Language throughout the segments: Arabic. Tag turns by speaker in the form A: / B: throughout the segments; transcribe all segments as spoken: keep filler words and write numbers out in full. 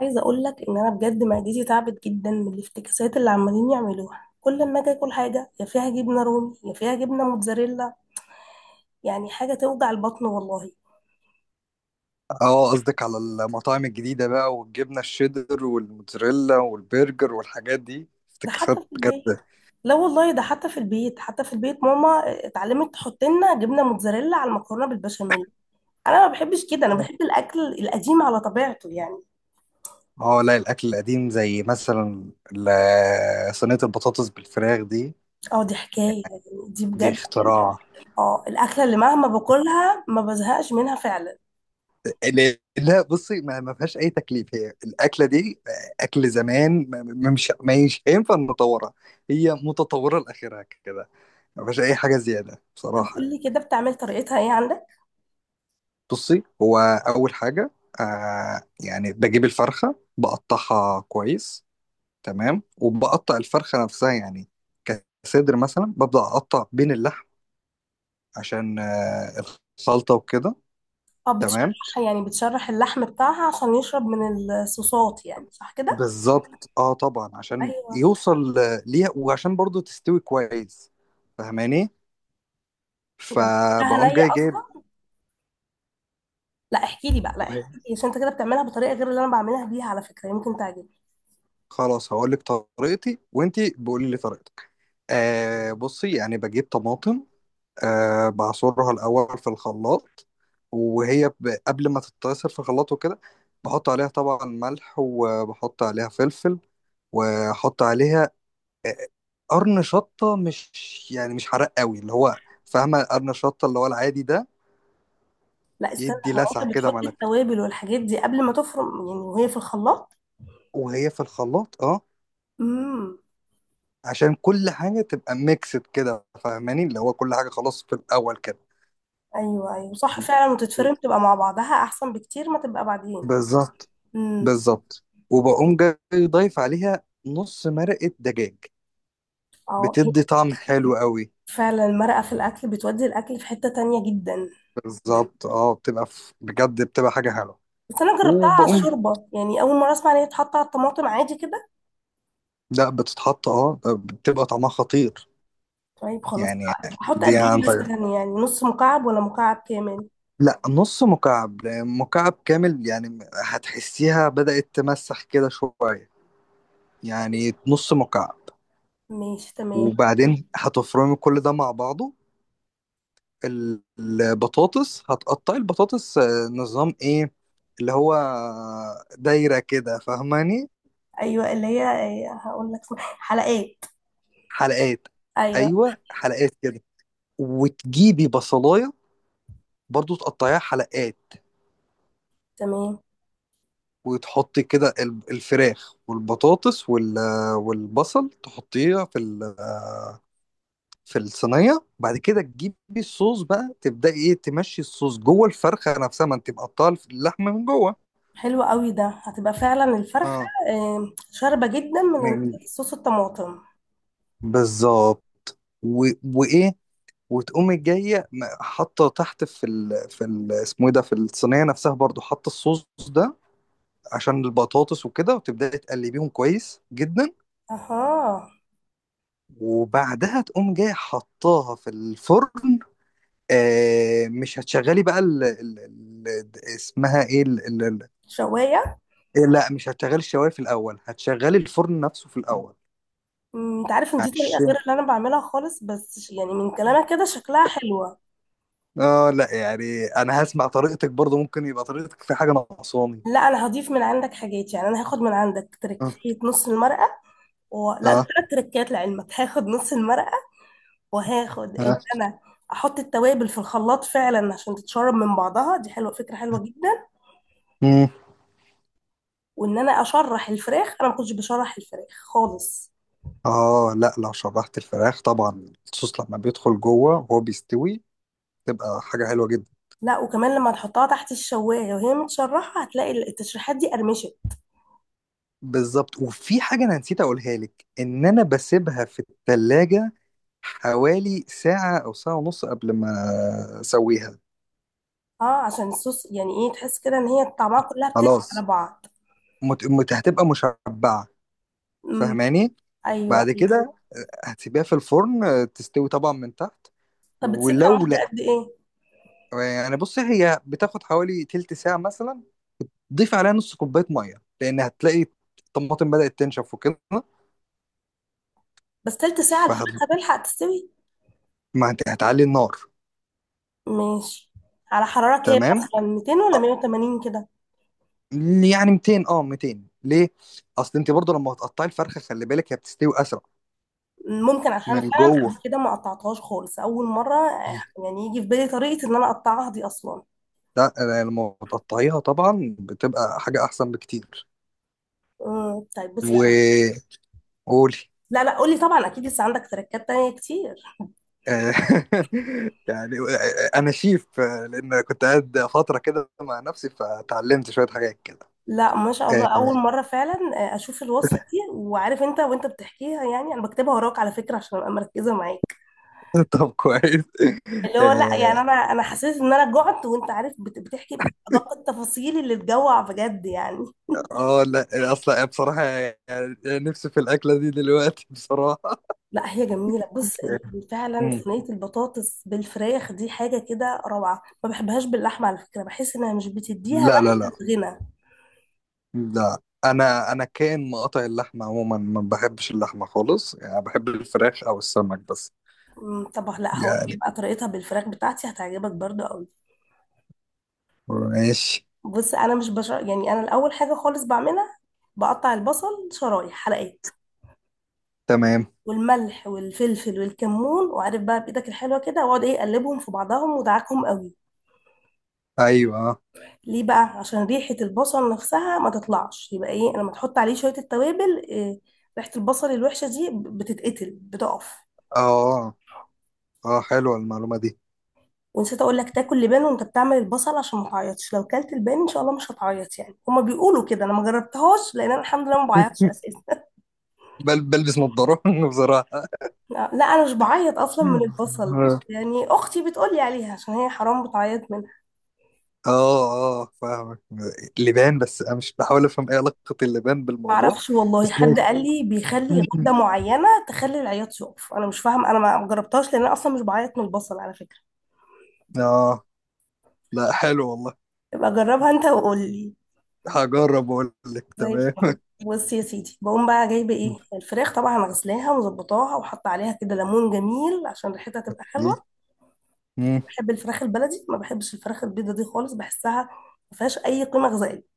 A: عايزه اقول لك ان انا بجد معدتي تعبت جدا من الافتكاسات اللي عمالين يعملوها، كل ما اجي اكل حاجه يا فيها جبنه رومي يا فيها جبنه موتزاريلا، يعني حاجه توجع البطن والله.
B: اه قصدك على المطاعم الجديدة بقى والجبنة الشيدر والموتزاريلا والبرجر والحاجات دي
A: ده حتى
B: افتكاسات
A: في
B: بجد.
A: البيت. لا والله، ده حتى في البيت، حتى في البيت ماما اتعلمت تحط لنا جبنه موتزاريلا على المكرونه بالبشاميل. انا ما بحبش كده، انا بحب الاكل القديم على طبيعته يعني.
B: اه لا الأكل القديم زي مثلا ال- صينية البطاطس بالفراخ دي.
A: اه دي حكايه يعني، دي
B: دي
A: بجد.
B: اختراع.
A: اه الاكله اللي مهما باكلها ما بزهقش منها فعلا.
B: لا لا، بصي ما ما فيهاش أي تكليف هي الأكلة دي. أكل زمان ما ما- مش ما مش هينفع نطورها. هي متطورة لآخرها كده. ما فيهاش أي حاجة زيادة بصراحة يعني.
A: قولي كده، بتعمل طريقتها ايه عندك؟
B: بصي هو اول حاجه. آه يعني بجيب الفرخه بقطعها كويس. تمام وبقطع الفرخه نفسها يعني كصدر مثلا ببدا اقطع بين اللحم عشان آه الخلطه وكده.
A: اه
B: تمام
A: بتشرح يعني بتشرح اللحم بتاعها عشان يشرب من الصوصات، يعني صح كده؟
B: بالظبط اه طبعا عشان
A: ايوه،
B: يوصل آه، ليها وعشان برضو تستوي كويس. فاهماني؟
A: بتاعها
B: فبقوم
A: نية
B: جاي جايب.
A: اصلا. لا احكي لي بقى، لا احكي لي عشان انت كده بتعملها بطريقه غير اللي انا بعملها بيها، على فكره يمكن تعجبك.
B: خلاص هقول لك طريقتي وانتي بقولي لي طريقتك. آه بصي يعني بجيب طماطم. آه بعصرها الأول في الخلاط. وهي ب- قبل ما تتعصر في الخلاط وكده بحط عليها طبعا ملح وبحط عليها فلفل وأحط عليها آه، قرن شطة مش يعني مش حراق قوي اللي هو فاهمة قرن شطة اللي هو العادي ده.
A: لا استنى،
B: يدي
A: هو
B: لسعة
A: انت
B: كده
A: بتحط
B: ملك.
A: التوابل والحاجات دي قبل ما تفرم يعني وهي في الخلاط؟
B: وهي في الخلاط اه
A: امم.
B: عشان كل حاجة تبقى ميكسد كده فاهماني اللي هو كل حاجة خلاص في الأول كده.
A: ايوه، ايوه، صح فعلا، وتتفرم تبقى مع بعضها احسن بكتير ما تبقى بعدين.
B: بالظبط.
A: امم.
B: بالظبط وبقوم جاي ضايف عليها نص مرقة دجاج.
A: اه هي.
B: بتدي طعم حلو قوي.
A: فعلا المرقه في الاكل بتودي الاكل في حته تانية جدا.
B: بالظبط اه بتبقى ف... بجد بتبقى حاجة حلوة.
A: بس انا جربتها على
B: وبقوم.
A: الشوربه، يعني اول مره اسمع ان هي تتحط على الطماطم عادي كده.
B: لا بتتحط اه بتبقى طعمها خطير
A: طيب خلاص.
B: يعني.
A: احط
B: دي
A: قد
B: عن
A: ايه
B: طيب.
A: مثلا، يعني نص مكعب ولا مكعب كامل؟
B: لا نص مكعب مكعب كامل يعني هتحسيها بدأت تمسح كده شوية. يعني نص مكعب.
A: ماشي تمام.
B: وبعدين هتفرمي كل ده مع بعضه. البطاطس هتقطعي البطاطس آه، نظام ايه؟ اللي هو دايرة كده فاهماني.
A: ايوه، اللي هي إيه، هقول لك اسمها، حلقات.
B: حلقات.
A: ايوه.
B: ايوه حلقات كده. وتجيبي بصلاية برضو تقطعيها حلقات.
A: تمام.
B: وتحطي كده ال- الفراخ والبطاطس وال- والبصل تحطيها في ال- في الصينية بعد كده تجيبي الصوص بقى تبدأي ايه تمشي الصوص جوه الفرخة نفسها ما انت مقطعه اللحمة من جوه.
A: حلو قوي، ده هتبقى فعلا الفرخه
B: اه
A: إيه، شاربه جدا من
B: من
A: صوص الطماطم.
B: بالظبط. و... وايه وتقوم جايه م- حاطه تحت في ال... في ال... اسمه ايه ده في الصينيه نفسها برضو حاطه الصوص ده عشان البطاطس وكده وتبداي تقلبيهم كويس جدا.
A: اها.
B: وبعدها تقوم جايه حطاها في الفرن. آه مش هتشغلي بقى ال... ال... ال... اسمها ايه ال... ال... ال...
A: شوايه.
B: إيه، لا مش هتشغلي الشوايه في الاول هتشغلي الفرن نفسه في الاول
A: أمم، انت عارف ان دي طريقه غير
B: عشان.
A: اللي انا بعملها خالص، بس ش- يعني من كلامك كده شكلها حلوه.
B: اه لا يعني انا هسمع طريقتك برضو ممكن يبقى طريقتك في حاجه ناقصاني.
A: لا انا هضيف من عندك حاجات، يعني انا هاخد من عندك
B: اه
A: تركية نص المرقه و... لا،
B: اه
A: ثلاث تركات لعلمك هاخد نص المرقه. وهاخد
B: آه.
A: ان انا احط التوابل في الخلاط فعلا عشان تتشرب من بعضها، دي حلوه، فكره حلوه جدا.
B: مم.
A: وان انا اشرح الفراخ، انا ما كنتش بشرح الفراخ خالص.
B: اه لا لو شرحت الفراخ طبعا الصوص لما بيدخل جوه وهو بيستوي تبقى حاجة حلوة جدا.
A: لا، وكمان لما تحطها تحت الشوايه وهي متشرحه هتلاقي التشريحات دي قرمشت.
B: بالظبط وفي حاجة أنا نسيت أقولها لك إن أنا بسيبها في التلاجة حوالي ساعة أو ساعة ونص قبل ما أسويها.
A: اه عشان الصوص يعني ايه، تحس كده ان هي طعمها كلها بتدي على
B: خلاص
A: بعض.
B: مت... مت... هتبقى مشبعة.
A: امم.
B: فاهماني؟
A: ايوه،
B: بعد
A: ايوه.
B: كده هتسيبيها في الفرن آه، تستوي طبعا من تحت.
A: طب بتسيبها
B: ولو
A: مده
B: لا
A: قد ايه؟
B: يعني بصي هي بتاخد حوالي تلت ساعة مثلا. ضيف عليها نص كوبايه ميه لان هتلاقي الطماطم بدات تنشف وكده.
A: بس تلت ساعه
B: فهت.
A: الفراخ هتلحق تستوي؟
B: ما هت- هتعلي النار.
A: ماشي. على حراره كام
B: تمام.
A: مثلا، ميتين ولا مئة وثمانين كده؟
B: يعني ميتين اه ميتين ليه؟ اصل انت برضو لما هتقطعي الفرخه خلي بالك هي بتستوي اسرع
A: ممكن، عشان أنا
B: من
A: فعلا
B: جوه.
A: قبل كده ما قطعتهاش خالص اول مره آه، يعني يجي في بالي طريقه ان انا اقطعها دي اصلا.
B: لا أنا لما بتقطعيها طبعا بتبقى حاجه احسن بكتير.
A: مم، طيب بص. لا
B: وقولي.
A: لا، لا، قولي طبعا، اكيد لسه عندك تركات تانية كتير.
B: آه، يعني انا شيف آه، لان كنت قاعد فتره كده مع نفسي فتعلمت شويه حاجات كده.
A: لا ما شاء الله، اول مره فعلا آه، اشوف الوصفه دي، وعارف انت وانت بتحكيها، يعني انا بكتبها وراك على فكره عشان ابقى مركزه معاك.
B: طب كويس.
A: اللي هو لا، يعني
B: اه
A: انا انا حسيت ان انا جعت، وانت عارف بت- بتحكي بادق التفاصيل اللي تجوع بجد يعني.
B: آه، لا اصلا بصراحة يعني نفسي في الأكلة دي دلوقتي بصراحة.
A: لا هي جميلة، بص ال- ال- فعلا
B: مم.
A: صينية البطاطس بالفراخ دي حاجة كده روعة، ما بحبهاش باللحمة على فكرة، بحس انها مش بتديها
B: لا
A: نفس
B: لا لا
A: الغنى.
B: لا. انا انا كان مقاطع اللحمة عموما ما بحبش اللحمة خالص يعني بحب الفراخ او السمك بس
A: أمم، طب لا، هقول لك
B: يعني.
A: بقى طريقتها بالفراخ بتاعتي هتعجبك برضو قوي.
B: ماشي
A: بص انا مش بش... يعني انا الاول حاجة خالص بعملها، بقطع البصل شرايح حلقات.
B: تمام.
A: والملح والفلفل والكمون، وعارف بقى بايدك الحلوة كده، واقعد ايه اقلبهم في بعضهم ودعكهم قوي.
B: ايوه
A: ليه بقى؟ عشان ريحة البصل نفسها ما تطلعش، يبقى ايه لما تحط عليه شوية التوابل إيه، ريحة البصل الوحشة دي بتتقتل، بتقف.
B: اه اه حلوة المعلومة دي.
A: ونسيت اقول لك تاكل لبان وانت بتعمل البصل عشان ما تعيطش، لو كلت البان ان شاء الله مش هتعيط، يعني هما بيقولوا كده، انا ما جربتهاش لان انا الحمد لله ما بعيطش اساسا.
B: بل بلبس نظارة بصراحة.
A: لا، لا، انا مش بعيط اصلا من البصل. يعني اختي بتقول لي عليها عشان هي حرام بتعيط منها.
B: اه اه فاهمك. لبان بس انا مش بحاول افهم ايه علاقة اللبان
A: ما
B: بالموضوع.
A: اعرفش
B: بس
A: والله، حد
B: ماشي.
A: قال لي بيخلي غده معينه تخلي العياط يقف، انا مش فاهم، انا ما جربتهاش لان انا اصلا مش بعيط من البصل على فكره.
B: اه لا حلو والله.
A: يبقى جربها انت وقول لي.
B: هجرب واقول لك
A: زي
B: تمام
A: الفل. بص يا سيدي، بقوم بقى جايبه ايه الفراخ طبعا، غسلاها ومظبطاها وحاطه عليها كده ليمون جميل عشان ريحتها تبقى
B: إيه؟
A: حلوه.
B: مم.
A: بحب الفراخ البلدي، ما بحبش الفراخ البيضه دي خالص، بحسها ما فيهاش اي قيمه غذائيه.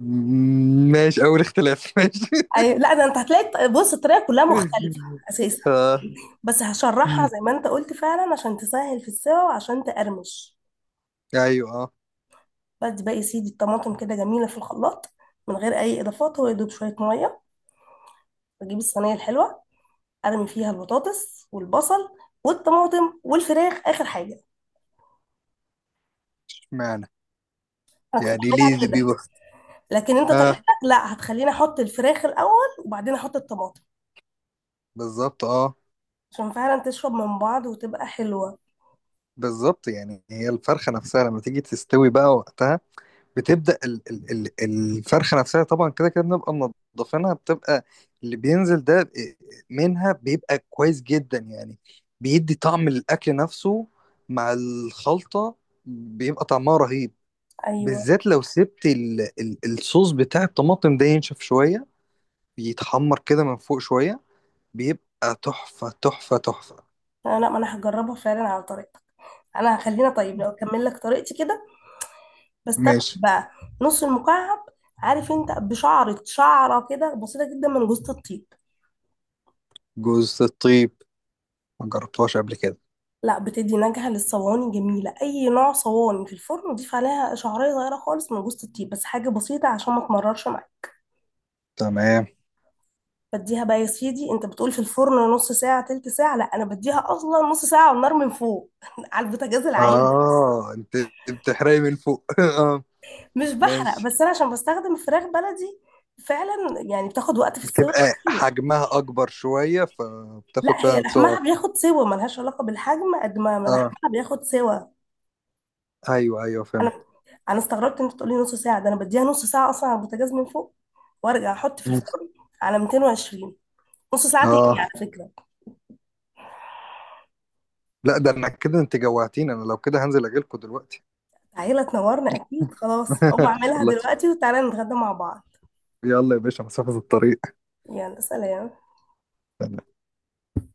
B: مم. ماشي اول اختلاف ماشي.
A: أي... لا ده انت هتلاقي، بص الطريقه كلها مختلفه اساسا. بس
B: مم.
A: هشرحها زي ما انت قلت فعلا عشان تسهل في السوا وعشان تقرمش.
B: ايوه اه.
A: بدي بقى يا سيدي الطماطم كده جميله في الخلاط، من غير اي اضافات، هو يدوب شويه ميه. بجيب الصينيه الحلوه، ارمي فيها البطاطس والبصل والطماطم والفراخ اخر حاجه.
B: اشمعنى؟
A: انا كنت
B: يعني ليه
A: بعملها
B: دي
A: كده،
B: بيبقى.
A: لكن انت
B: اه
A: طريقتك، لا هتخليني احط الفراخ الاول وبعدين احط الطماطم،
B: بالظبط اه.
A: عشان فعلا تشرب من بعض وتبقى حلوه.
B: بالظبط يعني هي الفرخة نفسها لما تيجي تستوي بقى وقتها بتبدا ال- ال- ال- الفرخه نفسها طبعا كده كده بنبقى منضفينها بتبقى اللي بينزل ده منها بيبقى كويس جدا يعني. بيدي طعم الاكل نفسه مع الخلطه بيبقى طعمها رهيب.
A: ايوه.
B: بالذات لو سبت ال ال الصوص بتاع الطماطم ده ينشف شويه بيتحمر كده من فوق شويه بيبقى تحفه تحفه تحفه.
A: لا، لا، ما انا هجربها فعلا على طريقتك. انا هخلينا طيب لو اكمل لك طريقتي كده، بس تبقى
B: ماشي.
A: بقى نص المكعب. عارف انت بشعرة شعرة كده بسيطة جدا من جوز الطيب.
B: جوز الطيب ما جربتهاش قبل كده.
A: لا بتدي نكهة للصواني جميلة، أي نوع صواني في الفرن، وضيف عليها شعرية صغيرة خالص من جوز الطيب، بس حاجة بسيطة عشان ما تمررش معاك.
B: تمام
A: بديها بقى يا سيدي، انت بتقول في الفرن نص ساعة تلت ساعة، لا انا بديها اصلا نص ساعة على النار من فوق. على البوتاجاز العادي.
B: اه انت بتحرقي من فوق اه.
A: مش بحرق،
B: ماشي.
A: بس انا عشان بستخدم فراخ بلدي فعلا، يعني بتاخد وقت في السوا
B: بتبقى
A: كتير.
B: حجمها اكبر شوية فبتاخد
A: لا هي
B: فعلا سوق
A: لحمها
B: أكتر.
A: بياخد سوا، ملهاش علاقة بالحجم قد ما ما
B: اه
A: لحمها بياخد سوا.
B: ايوه ايوه فهمت.
A: انا انا استغربت ان انت تقولي نص ساعه، ده انا بديها نص ساعه اصلا على البوتاجاز من فوق، وارجع احط في
B: مم.
A: الفرن على ميتين وعشرين، نص ساعه تقلي
B: اه
A: على فكره.
B: لا ده انا كده انت جوعتيني انا لو كده هنزل اجيلكوا دلوقتي.
A: تعالى تنورنا اكيد، خلاص هقوم اعملها
B: والله.
A: دلوقتي وتعالى نتغدى مع بعض.
B: يلا يا باشا مسافة الطريق.
A: يلا سلام.